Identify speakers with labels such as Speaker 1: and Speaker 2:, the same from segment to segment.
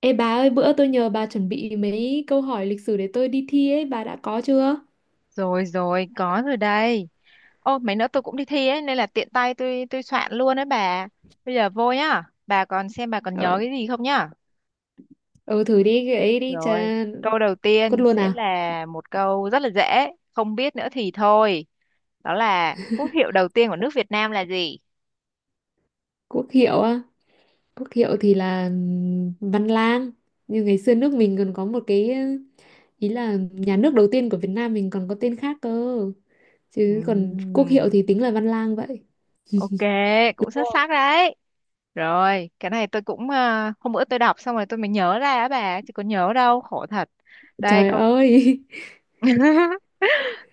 Speaker 1: Ê bà ơi, bữa tôi nhờ bà chuẩn bị mấy câu hỏi lịch sử để tôi đi thi ấy, bà đã có chưa?
Speaker 2: Rồi rồi, có rồi đây. Ô, mấy nữa tôi cũng đi thi ấy, nên là tiện tay tôi soạn luôn đấy bà. Bây giờ vô nhá. Bà còn xem bà còn nhớ
Speaker 1: Ờ,
Speaker 2: cái gì không nhá.
Speaker 1: ừ, thử đi cái ấy đi,
Speaker 2: Rồi,
Speaker 1: cha...
Speaker 2: câu đầu
Speaker 1: Cốt
Speaker 2: tiên
Speaker 1: luôn
Speaker 2: sẽ
Speaker 1: à?
Speaker 2: là một câu rất là dễ, không biết nữa thì thôi. Đó là quốc hiệu đầu tiên của nước Việt Nam là gì?
Speaker 1: Quốc hiệu á? Quốc hiệu thì là Văn Lang. Như ngày xưa nước mình còn có một cái, ý là nhà nước đầu tiên của Việt Nam mình còn có tên khác cơ. Chứ còn quốc hiệu
Speaker 2: Ừm,
Speaker 1: thì tính là Văn Lang vậy.
Speaker 2: ok, cũng
Speaker 1: Đúng
Speaker 2: xuất
Speaker 1: không?
Speaker 2: sắc đấy. Rồi, cái này tôi cũng hôm bữa tôi đọc xong rồi tôi mới nhớ ra á bà, chứ có nhớ đâu, khổ thật. Đây
Speaker 1: Trời
Speaker 2: câu
Speaker 1: ơi!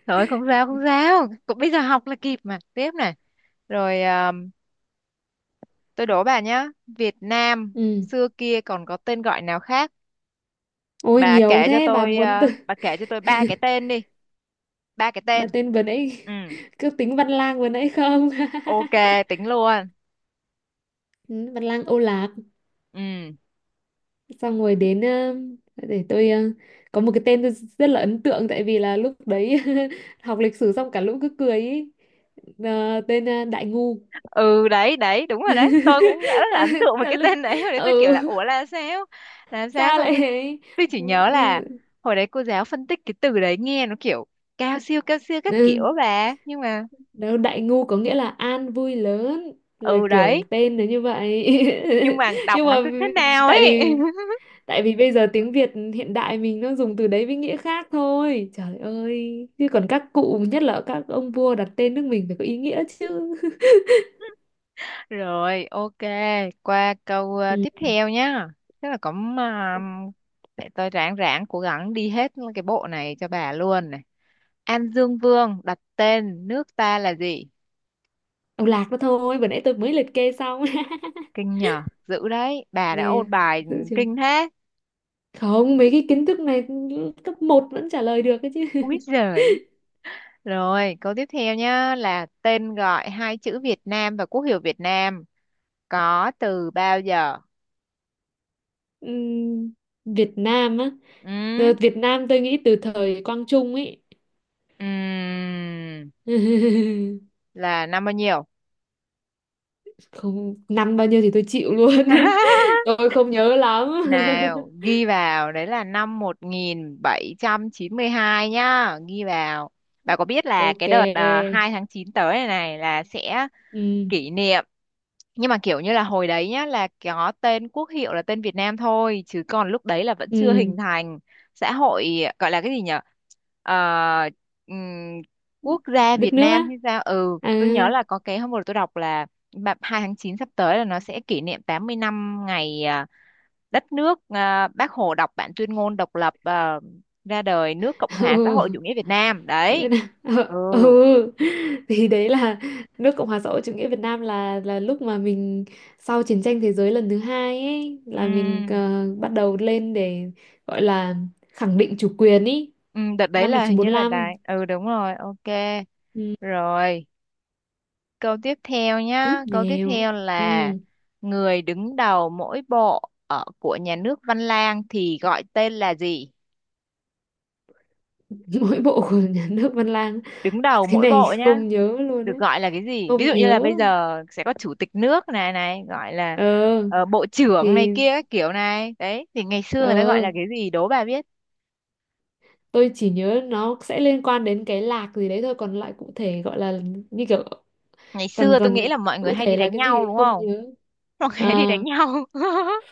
Speaker 2: Thôi, không sao không sao. Cũng bây giờ học là kịp mà. Tiếp này. Rồi tôi đố bà nhá. Việt Nam
Speaker 1: Ừ.
Speaker 2: xưa kia còn có tên gọi nào khác.
Speaker 1: Ôi nhiều thế, bà muốn từ...
Speaker 2: Bà kể cho tôi ba cái tên đi. Ba cái
Speaker 1: Bà
Speaker 2: tên.
Speaker 1: tên vừa nãy
Speaker 2: Ừ,
Speaker 1: cứ tính Văn Lang vừa nãy không?
Speaker 2: ok, tính luôn.
Speaker 1: Ừ, Văn Lang Âu Lạc.
Speaker 2: Ừ,
Speaker 1: Xong rồi đến để tôi, có một cái tên tôi rất là ấn tượng tại vì là lúc đấy học lịch sử xong cả lũ cứ cười ý. Tên Đại Ngu.
Speaker 2: ừ đấy đấy đúng rồi đấy. Tôi cũng đã rất là
Speaker 1: À,
Speaker 2: ấn tượng với
Speaker 1: cả
Speaker 2: cái
Speaker 1: lũ
Speaker 2: tên đấy. Hồi đấy tôi kiểu là
Speaker 1: ừ
Speaker 2: ủa là sao. Là sao,
Speaker 1: sao
Speaker 2: xong
Speaker 1: lại
Speaker 2: tôi,
Speaker 1: ấy?
Speaker 2: tôi chỉ nhớ là
Speaker 1: Như
Speaker 2: hồi đấy cô giáo phân tích cái từ đấy nghe nó kiểu cao siêu cao siêu các kiểu
Speaker 1: ừ,
Speaker 2: bà.
Speaker 1: đâu Đại Ngu có nghĩa là an vui lớn, là
Speaker 2: Ừ
Speaker 1: kiểu
Speaker 2: đấy
Speaker 1: tên nó như vậy.
Speaker 2: nhưng mà đọc
Speaker 1: Nhưng mà
Speaker 2: nó cứ thế nào
Speaker 1: tại
Speaker 2: ấy.
Speaker 1: vì tại vì bây giờ tiếng Việt hiện đại mình nó dùng từ đấy với nghĩa khác thôi, trời ơi, chứ còn các cụ, nhất là các ông vua đặt tên nước mình, phải có ý nghĩa chứ.
Speaker 2: Rồi ok, qua câu
Speaker 1: Ừ.
Speaker 2: tiếp theo nhá. Tức là cũng uh, để tôi ráng ráng cố gắng đi hết cái bộ này cho bà luôn này. An Dương Vương đặt tên nước ta là gì?
Speaker 1: Ông lạc đó thôi, vừa nãy tôi mới liệt kê xong.
Speaker 2: Kinh nhờ, dữ đấy bà đã
Speaker 1: Yeah,
Speaker 2: ôn bài,
Speaker 1: dữ chưa?
Speaker 2: kinh thế.
Speaker 1: Không, mấy cái kiến thức này cấp một vẫn trả lời được ấy chứ.
Speaker 2: Úi giời. Rồi câu tiếp theo nhá là tên gọi hai chữ Việt Nam và quốc hiệu Việt Nam có từ bao giờ?
Speaker 1: Ừm, Việt Nam á? Ờ,
Speaker 2: Ừ,
Speaker 1: Việt Nam tôi nghĩ từ thời Quang Trung ấy.
Speaker 2: ừm, là năm bao nhiêu?
Speaker 1: Không, năm bao nhiêu thì tôi chịu luôn. Tôi không nhớ lắm.
Speaker 2: Nào, ghi vào, đấy là năm 1792 nhá, ghi vào. Bà có biết là
Speaker 1: Ok.
Speaker 2: cái đợt 2 tháng 9 tới này này là sẽ
Speaker 1: Ừ.
Speaker 2: kỷ niệm, nhưng mà kiểu như là hồi đấy nhá là có tên quốc hiệu là tên Việt Nam thôi, chứ còn lúc đấy là vẫn chưa
Speaker 1: Ừ,
Speaker 2: hình thành xã hội gọi là cái gì nhở. Ờ, ừm, Quốc gia
Speaker 1: đất
Speaker 2: Việt
Speaker 1: nước á.
Speaker 2: Nam hay sao? Ừ,
Speaker 1: À.
Speaker 2: tôi nhớ là có cái hôm vừa tôi đọc là 2 tháng 9 sắp tới là nó sẽ kỷ niệm 80 năm ngày đất nước Bác Hồ đọc bản tuyên ngôn độc lập ra đời nước Cộng hòa xã
Speaker 1: Ừ,
Speaker 2: hội chủ nghĩa Việt Nam
Speaker 1: Việt
Speaker 2: đấy.
Speaker 1: Nam. Ờ,
Speaker 2: Ừ.
Speaker 1: ừ. Thì đấy là nước Cộng hòa xã hội chủ nghĩa Việt Nam là lúc mà mình sau chiến tranh thế giới lần thứ hai ấy là mình
Speaker 2: Ừm,
Speaker 1: bắt đầu lên để gọi là khẳng định chủ quyền ý.
Speaker 2: đợt đấy
Speaker 1: Năm một nghìn
Speaker 2: là
Speaker 1: chín trăm
Speaker 2: hình
Speaker 1: bốn
Speaker 2: như là
Speaker 1: lăm
Speaker 2: đài, ừ đúng rồi, ok.
Speaker 1: Ừ.
Speaker 2: Rồi, câu tiếp theo
Speaker 1: Tiếp
Speaker 2: nhá, câu tiếp
Speaker 1: nèo.
Speaker 2: theo là
Speaker 1: Ừ.
Speaker 2: người đứng đầu mỗi bộ ở của nhà nước Văn Lang thì gọi tên là gì?
Speaker 1: Mỗi bộ của nhà nước Văn Lang,
Speaker 2: Đứng đầu
Speaker 1: cái
Speaker 2: mỗi
Speaker 1: này
Speaker 2: bộ nhá,
Speaker 1: không nhớ luôn
Speaker 2: được
Speaker 1: ấy.
Speaker 2: gọi là cái gì, ví
Speaker 1: Không
Speaker 2: dụ như là
Speaker 1: nhớ.
Speaker 2: bây giờ sẽ có chủ tịch nước này này gọi là
Speaker 1: Ờ
Speaker 2: bộ trưởng này
Speaker 1: thì
Speaker 2: kia các kiểu này đấy, thì ngày xưa
Speaker 1: ờ
Speaker 2: người ta gọi là cái gì, đố bà biết.
Speaker 1: Tôi chỉ nhớ nó sẽ liên quan đến cái lạc gì đấy thôi, còn lại cụ thể gọi là như kiểu,
Speaker 2: Ngày
Speaker 1: còn
Speaker 2: xưa tôi nghĩ
Speaker 1: còn
Speaker 2: là mọi người
Speaker 1: cụ
Speaker 2: hay đi
Speaker 1: thể là
Speaker 2: đánh
Speaker 1: cái gì
Speaker 2: nhau
Speaker 1: thì
Speaker 2: đúng
Speaker 1: không
Speaker 2: không?
Speaker 1: nhớ.
Speaker 2: Mọi người
Speaker 1: À,
Speaker 2: hay đi đánh nhau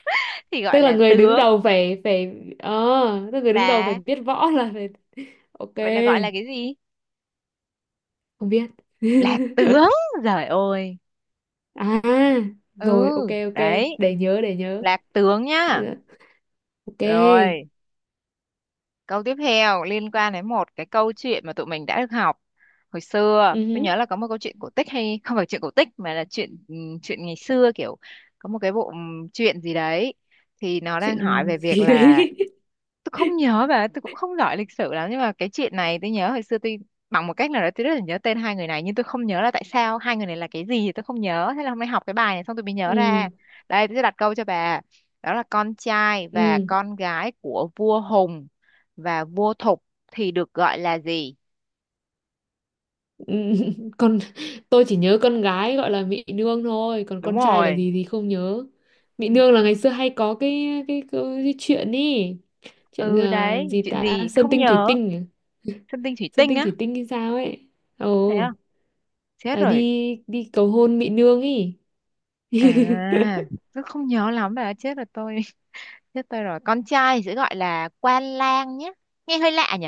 Speaker 2: thì gọi
Speaker 1: tức là
Speaker 2: là
Speaker 1: người đứng
Speaker 2: tướng.
Speaker 1: đầu phải phải ờ tức là người đứng đầu phải
Speaker 2: là
Speaker 1: biết võ là phải. Ok.
Speaker 2: Vậy là gọi là cái gì?
Speaker 1: Không biết.
Speaker 2: Là tướng. Giời ơi.
Speaker 1: À
Speaker 2: Ừ
Speaker 1: rồi, ok, ok.
Speaker 2: đấy,
Speaker 1: Để nhớ, để nhớ.
Speaker 2: là tướng nhá.
Speaker 1: Dạ, ok.
Speaker 2: Rồi, câu tiếp theo liên quan đến một cái câu chuyện mà tụi mình đã được học hồi xưa. Tôi
Speaker 1: Ừ,
Speaker 2: nhớ là có một câu chuyện cổ tích hay không phải chuyện cổ tích mà là chuyện chuyện ngày xưa kiểu có một cái bộ chuyện gì đấy thì nó đang hỏi
Speaker 1: chuyện
Speaker 2: về việc
Speaker 1: gì
Speaker 2: là
Speaker 1: đấy.
Speaker 2: tôi không nhớ bà, tôi cũng không giỏi lịch sử lắm nhưng mà cái chuyện này tôi nhớ hồi xưa tôi, bằng một cách nào đó tôi rất là nhớ tên hai người này nhưng tôi không nhớ là tại sao hai người này là cái gì thì tôi không nhớ, thế là hôm nay học cái bài này xong tôi mới nhớ ra.
Speaker 1: Ừ.
Speaker 2: Đây tôi sẽ đặt câu cho bà, đó là con trai và
Speaker 1: Ừ.
Speaker 2: con gái của vua Hùng và vua Thục thì được gọi là gì?
Speaker 1: Còn tôi chỉ nhớ con gái gọi là Mỹ Nương thôi, còn
Speaker 2: Đúng
Speaker 1: con trai là
Speaker 2: rồi.
Speaker 1: gì thì không nhớ. Mỹ
Speaker 2: Vì
Speaker 1: Nương là ngày
Speaker 2: con-
Speaker 1: xưa hay có cái chuyện ý, chuyện
Speaker 2: ừ đấy,
Speaker 1: gì
Speaker 2: chuyện
Speaker 1: ta,
Speaker 2: gì
Speaker 1: Sơn
Speaker 2: không
Speaker 1: Tinh Thủy
Speaker 2: nhớ.
Speaker 1: Tinh, à?
Speaker 2: Sơn Tinh Thủy
Speaker 1: Sơn
Speaker 2: Tinh
Speaker 1: Tinh
Speaker 2: á?
Speaker 1: Thủy Tinh hay sao ấy.
Speaker 2: Thế
Speaker 1: Ồ,
Speaker 2: không? Chết
Speaker 1: là
Speaker 2: rồi.
Speaker 1: đi đi cầu hôn Mỹ Nương ý.
Speaker 2: À, tôi không nhớ lắm bà, chết rồi tôi. Chết tôi rồi. Con trai thì sẽ gọi là quan lang nhé. Nghe hơi lạ nhỉ?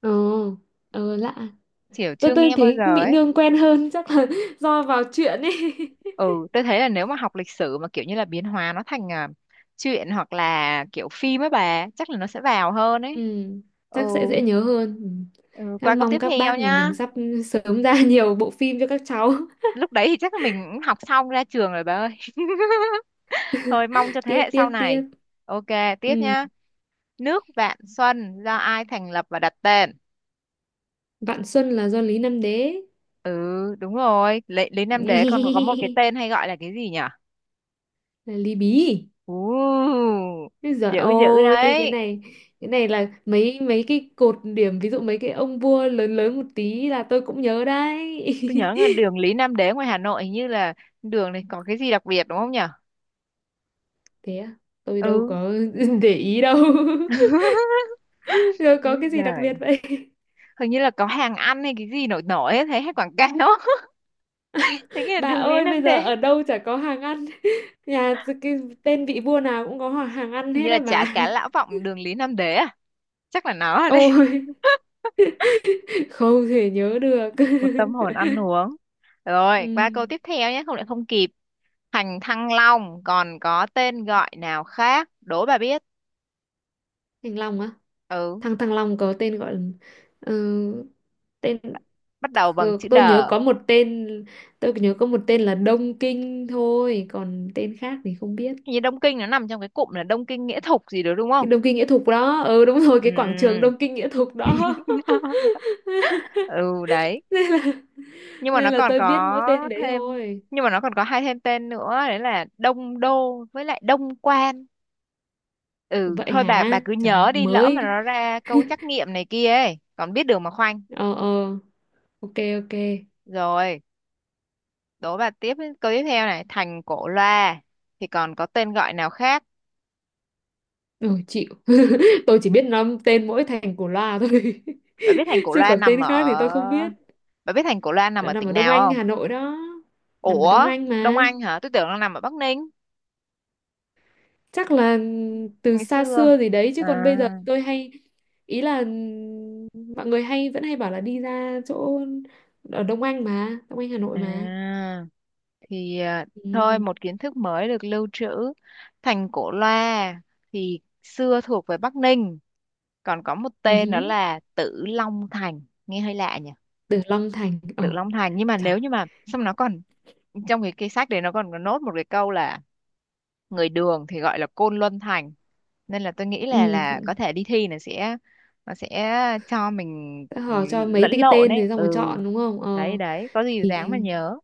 Speaker 1: Ồ, lạ.
Speaker 2: Kiểu
Speaker 1: Tôi
Speaker 2: chưa
Speaker 1: tôi
Speaker 2: nghe bao
Speaker 1: thấy
Speaker 2: giờ
Speaker 1: Mỹ
Speaker 2: ấy.
Speaker 1: Nương quen hơn chắc là do vào chuyện ấy.
Speaker 2: Ừ, tôi thấy là nếu mà học lịch sử mà kiểu như là biến hóa nó thành truyện hoặc là kiểu phim ấy bà, chắc là nó sẽ vào hơn ấy.
Speaker 1: Ừ,
Speaker 2: Ừ,
Speaker 1: chắc sẽ dễ nhớ hơn. Ừ.
Speaker 2: ừ, qua
Speaker 1: Em
Speaker 2: câu tiếp
Speaker 1: mong các
Speaker 2: theo
Speaker 1: bác nhà
Speaker 2: nhá.
Speaker 1: mình sắp sớm ra nhiều bộ phim cho các cháu.
Speaker 2: Lúc đấy thì chắc là mình cũng học xong ra trường rồi bà ơi. Thôi mong cho thế
Speaker 1: Tiếp
Speaker 2: hệ
Speaker 1: tiếp
Speaker 2: sau
Speaker 1: tiếp.
Speaker 2: này. Ok, tiếp
Speaker 1: Ừ.
Speaker 2: nhá. Nước Vạn Xuân do ai thành lập và đặt tên?
Speaker 1: Vạn Xuân là do Lý Nam Đế.
Speaker 2: Ừ, đúng rồi. Lý Nam Đế còn có một cái tên hay gọi là cái gì nhỉ?
Speaker 1: Là Lý Bí.
Speaker 2: Ồ,
Speaker 1: Úi giời
Speaker 2: dữ dữ
Speaker 1: ơi, cái
Speaker 2: đấy.
Speaker 1: này, cái này là mấy mấy cái cột điểm, ví dụ mấy cái ông vua lớn lớn một tí là tôi cũng nhớ đấy.
Speaker 2: Tôi nhớ là đường Lý Nam Đế ngoài Hà Nội, hình như là đường này có cái gì đặc biệt đúng không nhỉ?
Speaker 1: Thế à? Tôi đâu
Speaker 2: Ừ.
Speaker 1: có để ý đâu. Rồi có
Speaker 2: Úi
Speaker 1: cái gì đặc biệt
Speaker 2: giời.
Speaker 1: vậy?
Speaker 2: Hình như là có hàng ăn hay cái gì nổi nổi ấy, thấy hay quảng cáo. Thế nghĩa là
Speaker 1: Bà
Speaker 2: đường Lý
Speaker 1: ơi,
Speaker 2: Nam
Speaker 1: bây giờ
Speaker 2: Đế.
Speaker 1: ở đâu chả có hàng ăn. Nhà, cái tên vị vua nào cũng có hàng ăn
Speaker 2: Hình như
Speaker 1: hết
Speaker 2: là
Speaker 1: á bà.
Speaker 2: chả cá Lã Vọng đường Lý Nam Đế à? Chắc là nó ở đây.
Speaker 1: Ôi không thể nhớ được.
Speaker 2: Một tâm hồn ăn uống. Rồi, qua
Speaker 1: Ừ.
Speaker 2: câu tiếp theo nhé, không lại không kịp. Thành Thăng Long còn có tên gọi nào khác? Đố bà biết.
Speaker 1: Thành Long á,
Speaker 2: Ừ,
Speaker 1: thằng thằng Long có tên gọi là ờ, tên,
Speaker 2: bắt đầu bằng
Speaker 1: ờ,
Speaker 2: chữ
Speaker 1: tôi nhớ
Speaker 2: đờ.
Speaker 1: có một tên tôi nhớ có một tên là Đông Kinh thôi, còn tên khác thì không biết.
Speaker 2: Hình như Đông Kinh nó nằm trong cái cụm là Đông Kinh Nghĩa Thục gì đó đúng không?
Speaker 1: Cái Đông Kinh Nghĩa Thục đó, ừ đúng rồi,
Speaker 2: Ừ.
Speaker 1: cái quảng trường Đông Kinh Nghĩa Thục đó.
Speaker 2: Ừ đấy,
Speaker 1: Nên là,
Speaker 2: nhưng mà nó
Speaker 1: nên là
Speaker 2: còn
Speaker 1: tôi biết mỗi
Speaker 2: có
Speaker 1: tên đấy
Speaker 2: thêm,
Speaker 1: thôi.
Speaker 2: nhưng mà nó còn có hai thêm tên nữa đấy là Đông Đô với lại Đông Quan. Ừ
Speaker 1: Vậy
Speaker 2: thôi bà
Speaker 1: hả
Speaker 2: cứ
Speaker 1: trời,
Speaker 2: nhớ đi, lỡ mà
Speaker 1: mới,
Speaker 2: nó ra câu trắc nghiệm này kia ấy còn biết đường mà khoanh.
Speaker 1: ờ ờ, ok, ok.
Speaker 2: Rồi, đố bà tiếp, câu tiếp theo này, thành Cổ Loa thì còn có tên gọi nào khác?
Speaker 1: Ừ, chịu. Tôi chỉ biết năm tên mỗi thành của loa thôi.
Speaker 2: bà biết thành Cổ
Speaker 1: Chứ
Speaker 2: Loa
Speaker 1: còn
Speaker 2: nằm
Speaker 1: tên khác thì tôi không
Speaker 2: ở
Speaker 1: biết.
Speaker 2: bà biết thành Cổ Loa nằm
Speaker 1: Đã
Speaker 2: ở
Speaker 1: nằm
Speaker 2: tỉnh
Speaker 1: ở Đông
Speaker 2: nào
Speaker 1: Anh,
Speaker 2: không?
Speaker 1: Hà Nội đó. Nằm ở Đông
Speaker 2: Ủa.
Speaker 1: Anh
Speaker 2: Đông
Speaker 1: mà.
Speaker 2: Anh hả? Tôi tưởng nó nằm ở Bắc Ninh
Speaker 1: Chắc là từ
Speaker 2: ngày
Speaker 1: xa
Speaker 2: xưa.
Speaker 1: xưa gì đấy, chứ
Speaker 2: À,
Speaker 1: còn bây giờ tôi hay, ý là mọi người hay vẫn hay bảo là đi ra chỗ ở Đông Anh mà, Đông Anh Hà Nội mà.
Speaker 2: À, thì à, thôi
Speaker 1: Ừ.
Speaker 2: một kiến thức mới được lưu trữ. Thành Cổ Loa thì xưa thuộc về Bắc Ninh, còn có một tên đó
Speaker 1: Ừ.
Speaker 2: là Tử Long Thành, nghe hơi lạ nhỉ?
Speaker 1: Từ Long Thành. Ồ,
Speaker 2: Tử Long Thành, nhưng mà
Speaker 1: trời.
Speaker 2: nếu như mà xong nó còn trong cái sách đấy nó còn có nốt một cái câu là người Đường thì gọi là Côn Luân Thành. Nên là tôi nghĩ là
Speaker 1: Ừ.
Speaker 2: có thể đi thi là sẽ nó sẽ cho mình
Speaker 1: Sẽ hỏi cho mấy
Speaker 2: lẫn
Speaker 1: cái
Speaker 2: lộn
Speaker 1: tên
Speaker 2: ấy.
Speaker 1: thì xong rồi
Speaker 2: Ừ,
Speaker 1: chọn đúng không?
Speaker 2: đấy
Speaker 1: Ờ
Speaker 2: đấy, có gì
Speaker 1: thì
Speaker 2: dáng mà nhớ.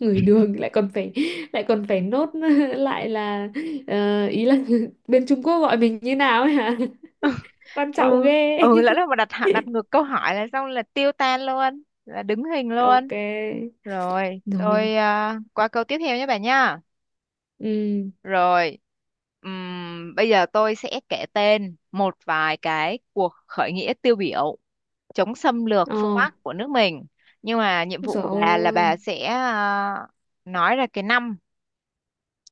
Speaker 1: người đường lại còn phải nốt, lại là ý là bên Trung Quốc gọi mình như nào ấy hả? Quan
Speaker 2: Ừ
Speaker 1: trọng ghê.
Speaker 2: ừ, lỡ đâu mà đặt ngược câu hỏi là xong là tiêu tan luôn, là đứng hình luôn.
Speaker 1: Ok.
Speaker 2: Rồi tôi
Speaker 1: Rồi.
Speaker 2: qua câu tiếp theo nhé bà nha.
Speaker 1: Ừ.
Speaker 2: Rồi, bây giờ tôi sẽ kể tên một vài cái cuộc khởi nghĩa tiêu biểu chống xâm lược
Speaker 1: Ờ.
Speaker 2: phương
Speaker 1: Rồi.
Speaker 2: Bắc của nước mình. Nhưng mà nhiệm vụ của bà là
Speaker 1: Ôi,
Speaker 2: bà sẽ nói ra cái năm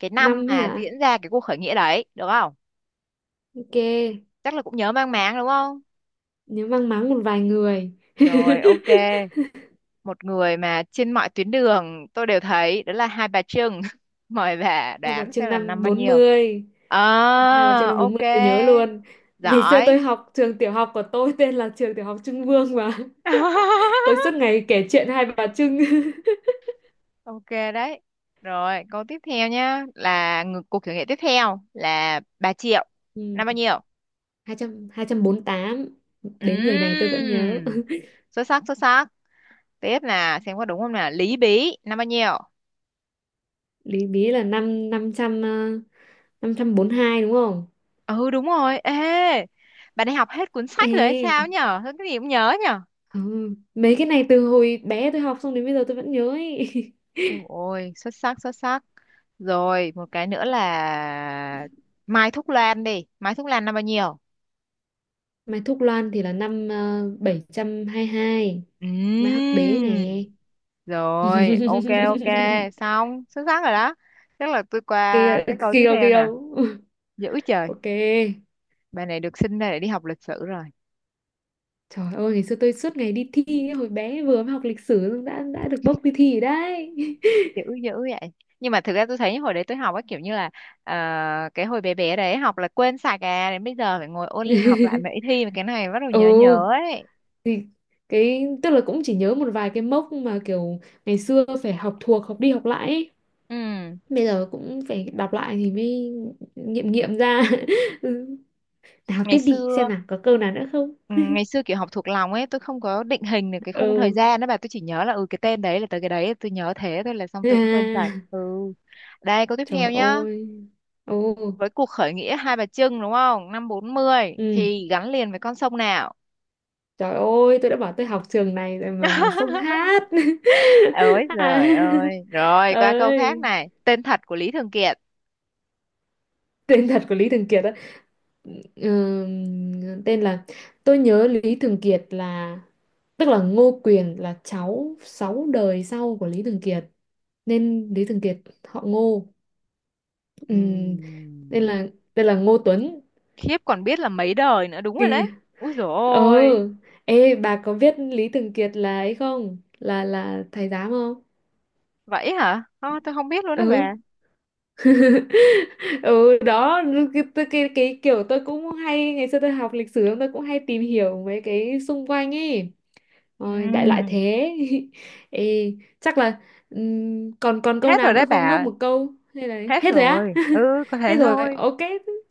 Speaker 2: cái năm
Speaker 1: năm ấy
Speaker 2: mà
Speaker 1: hả?
Speaker 2: diễn ra cái cuộc khởi nghĩa đấy được không?
Speaker 1: Ok.
Speaker 2: Chắc là cũng nhớ mang máng đúng không?
Speaker 1: Nếu mang máng một vài người.
Speaker 2: Rồi ok, một người mà trên mọi tuyến đường tôi đều thấy đó là Hai Bà Trưng, mời bà
Speaker 1: Hai Bà
Speaker 2: đoán
Speaker 1: Trưng
Speaker 2: xem là năm
Speaker 1: năm
Speaker 2: bao
Speaker 1: bốn
Speaker 2: nhiêu.
Speaker 1: mươi. Hai Bà Trưng
Speaker 2: À
Speaker 1: năm bốn
Speaker 2: ok,
Speaker 1: mươi tôi nhớ luôn. Ngày xưa
Speaker 2: giỏi.
Speaker 1: tôi học trường tiểu học của tôi tên là trường tiểu học Trưng Vương mà. Tôi suốt ngày kể chuyện Hai Bà Trưng.
Speaker 2: Ok đấy. Rồi câu tiếp theo nhá là ngược cuộc thử nghiệm tiếp theo là bà Triệu
Speaker 1: Ừ.
Speaker 2: năm bao nhiêu?
Speaker 1: 200 tám, đến người này tôi vẫn nhớ.
Speaker 2: Ừm, xuất sắc xuất sắc. Tiếp là xem có đúng không nào, Lý Bí năm bao nhiêu?
Speaker 1: Lý Bí là năm ờ, 500, hai đúng không?
Speaker 2: Ừ đúng rồi. Ê bà đi học hết cuốn sách rồi hay
Speaker 1: Ê,
Speaker 2: sao nhở, sao cái gì cũng nhớ nhở?
Speaker 1: ừ. Mấy cái này từ hồi bé tôi học xong đến bây giờ tôi vẫn nhớ ấy.
Speaker 2: Ôi, xuất sắc, xuất sắc. Rồi, một cái nữa là Mai Thúc Loan đi. Mai Thúc Loan là bao nhiêu?
Speaker 1: Mai Thúc Loan thì là năm 722. Mai Hắc Đế nè.
Speaker 2: Ừm. Rồi, ok, ok. Xong, xuất sắc rồi đó. Chắc là tôi
Speaker 1: Kia,
Speaker 2: qua cái câu tiếp
Speaker 1: kia,
Speaker 2: theo nè.
Speaker 1: kia.
Speaker 2: Dữ trời,
Speaker 1: Ok.
Speaker 2: bài này được sinh ra để đi học lịch sử rồi.
Speaker 1: Trời ơi, ngày xưa tôi suốt ngày đi thi ấy, hồi bé vừa mới học lịch sử đã được bốc đi thi rồi đấy.
Speaker 2: Dữ, dữ vậy. Nhưng mà thực ra tôi thấy hồi đấy tôi học á kiểu như là ờ, cái hồi bé bé đấy học là quên sạch à. Đến bây giờ phải ngồi ôn học lại mấy thi mà cái này bắt đầu nhớ
Speaker 1: Ừ,
Speaker 2: nhớ ấy.
Speaker 1: thì cái, tức là cũng chỉ nhớ một vài cái mốc mà kiểu ngày xưa phải học thuộc học đi học lại ấy.
Speaker 2: Ừ,
Speaker 1: Bây giờ cũng phải đọc lại thì mới nghiệm nghiệm ra. Ừ. Nào
Speaker 2: ngày
Speaker 1: tiếp đi, xem
Speaker 2: xưa
Speaker 1: nào có câu nào nữa không.
Speaker 2: Ừ, ngày xưa kiểu học thuộc lòng ấy tôi không có định hình được cái khung thời
Speaker 1: Ừ.
Speaker 2: gian đó bà, tôi chỉ nhớ là ừ cái tên đấy là tới cái đấy, tôi nhớ thế thôi, là xong tôi cũng quên sạch. Ừ, đây câu tiếp theo
Speaker 1: Trời
Speaker 2: nhá,
Speaker 1: ơi, ồ,
Speaker 2: với cuộc khởi nghĩa Hai Bà Trưng đúng không, năm 40
Speaker 1: ừ,
Speaker 2: thì gắn liền với con sông nào?
Speaker 1: trời ơi, tôi đã bảo tôi học trường này rồi mà, xông hát.
Speaker 2: Ôi
Speaker 1: À,
Speaker 2: giời ơi. Rồi qua câu khác
Speaker 1: ơi,
Speaker 2: này, tên thật của Lý Thường Kiệt.
Speaker 1: tên thật của Lý Thường Kiệt. Ờ, tên là, tôi nhớ Lý Thường Kiệt là, tức là Ngô Quyền là cháu 6 đời sau của Lý Thường Kiệt, nên Lý Thường Kiệt họ Ngô, ừ, nên
Speaker 2: Ừm,
Speaker 1: là tên là Ngô Tuấn.
Speaker 2: khiếp, còn biết là mấy đời nữa, đúng rồi
Speaker 1: Kỳ-
Speaker 2: đấy. Úi dồi
Speaker 1: ờ,
Speaker 2: ôi.
Speaker 1: ê bà có biết Lý Thường Kiệt là ấy không, là là thầy giám không?
Speaker 2: Vậy hả? Ờ, tôi không biết luôn đó
Speaker 1: Ừ.
Speaker 2: bà.
Speaker 1: Ừ đó, cái kiểu tôi cũng hay, ngày xưa tôi học lịch sử tôi cũng hay tìm hiểu mấy cái xung quanh ấy. Ôi, đại loại
Speaker 2: Ừm,
Speaker 1: thế. Ê, chắc là còn còn câu
Speaker 2: hết
Speaker 1: nào
Speaker 2: rồi
Speaker 1: nữa
Speaker 2: đấy
Speaker 1: không? Nốt
Speaker 2: bà.
Speaker 1: một câu hay là
Speaker 2: Hết
Speaker 1: hết rồi á?
Speaker 2: rồi. Ừ, có
Speaker 1: Hết
Speaker 2: thế
Speaker 1: rồi.
Speaker 2: thôi.
Speaker 1: Ok.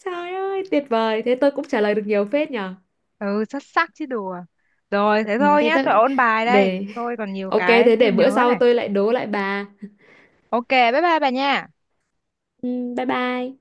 Speaker 1: Trời ơi, tuyệt vời. Thế tôi cũng trả lời được nhiều phết nhở.
Speaker 2: Ừ, xuất sắc chứ đùa. Rồi, thế
Speaker 1: Ừ,
Speaker 2: thôi
Speaker 1: thế
Speaker 2: nhá, tôi
Speaker 1: tôi
Speaker 2: ôn bài đây.
Speaker 1: để,
Speaker 2: Tôi còn nhiều
Speaker 1: ok
Speaker 2: cái
Speaker 1: thế
Speaker 2: chưa
Speaker 1: để
Speaker 2: nhớ
Speaker 1: bữa sau
Speaker 2: này.
Speaker 1: tôi lại đố lại bà.
Speaker 2: Ok, bye bye bà nha.
Speaker 1: Ừ, bye bye.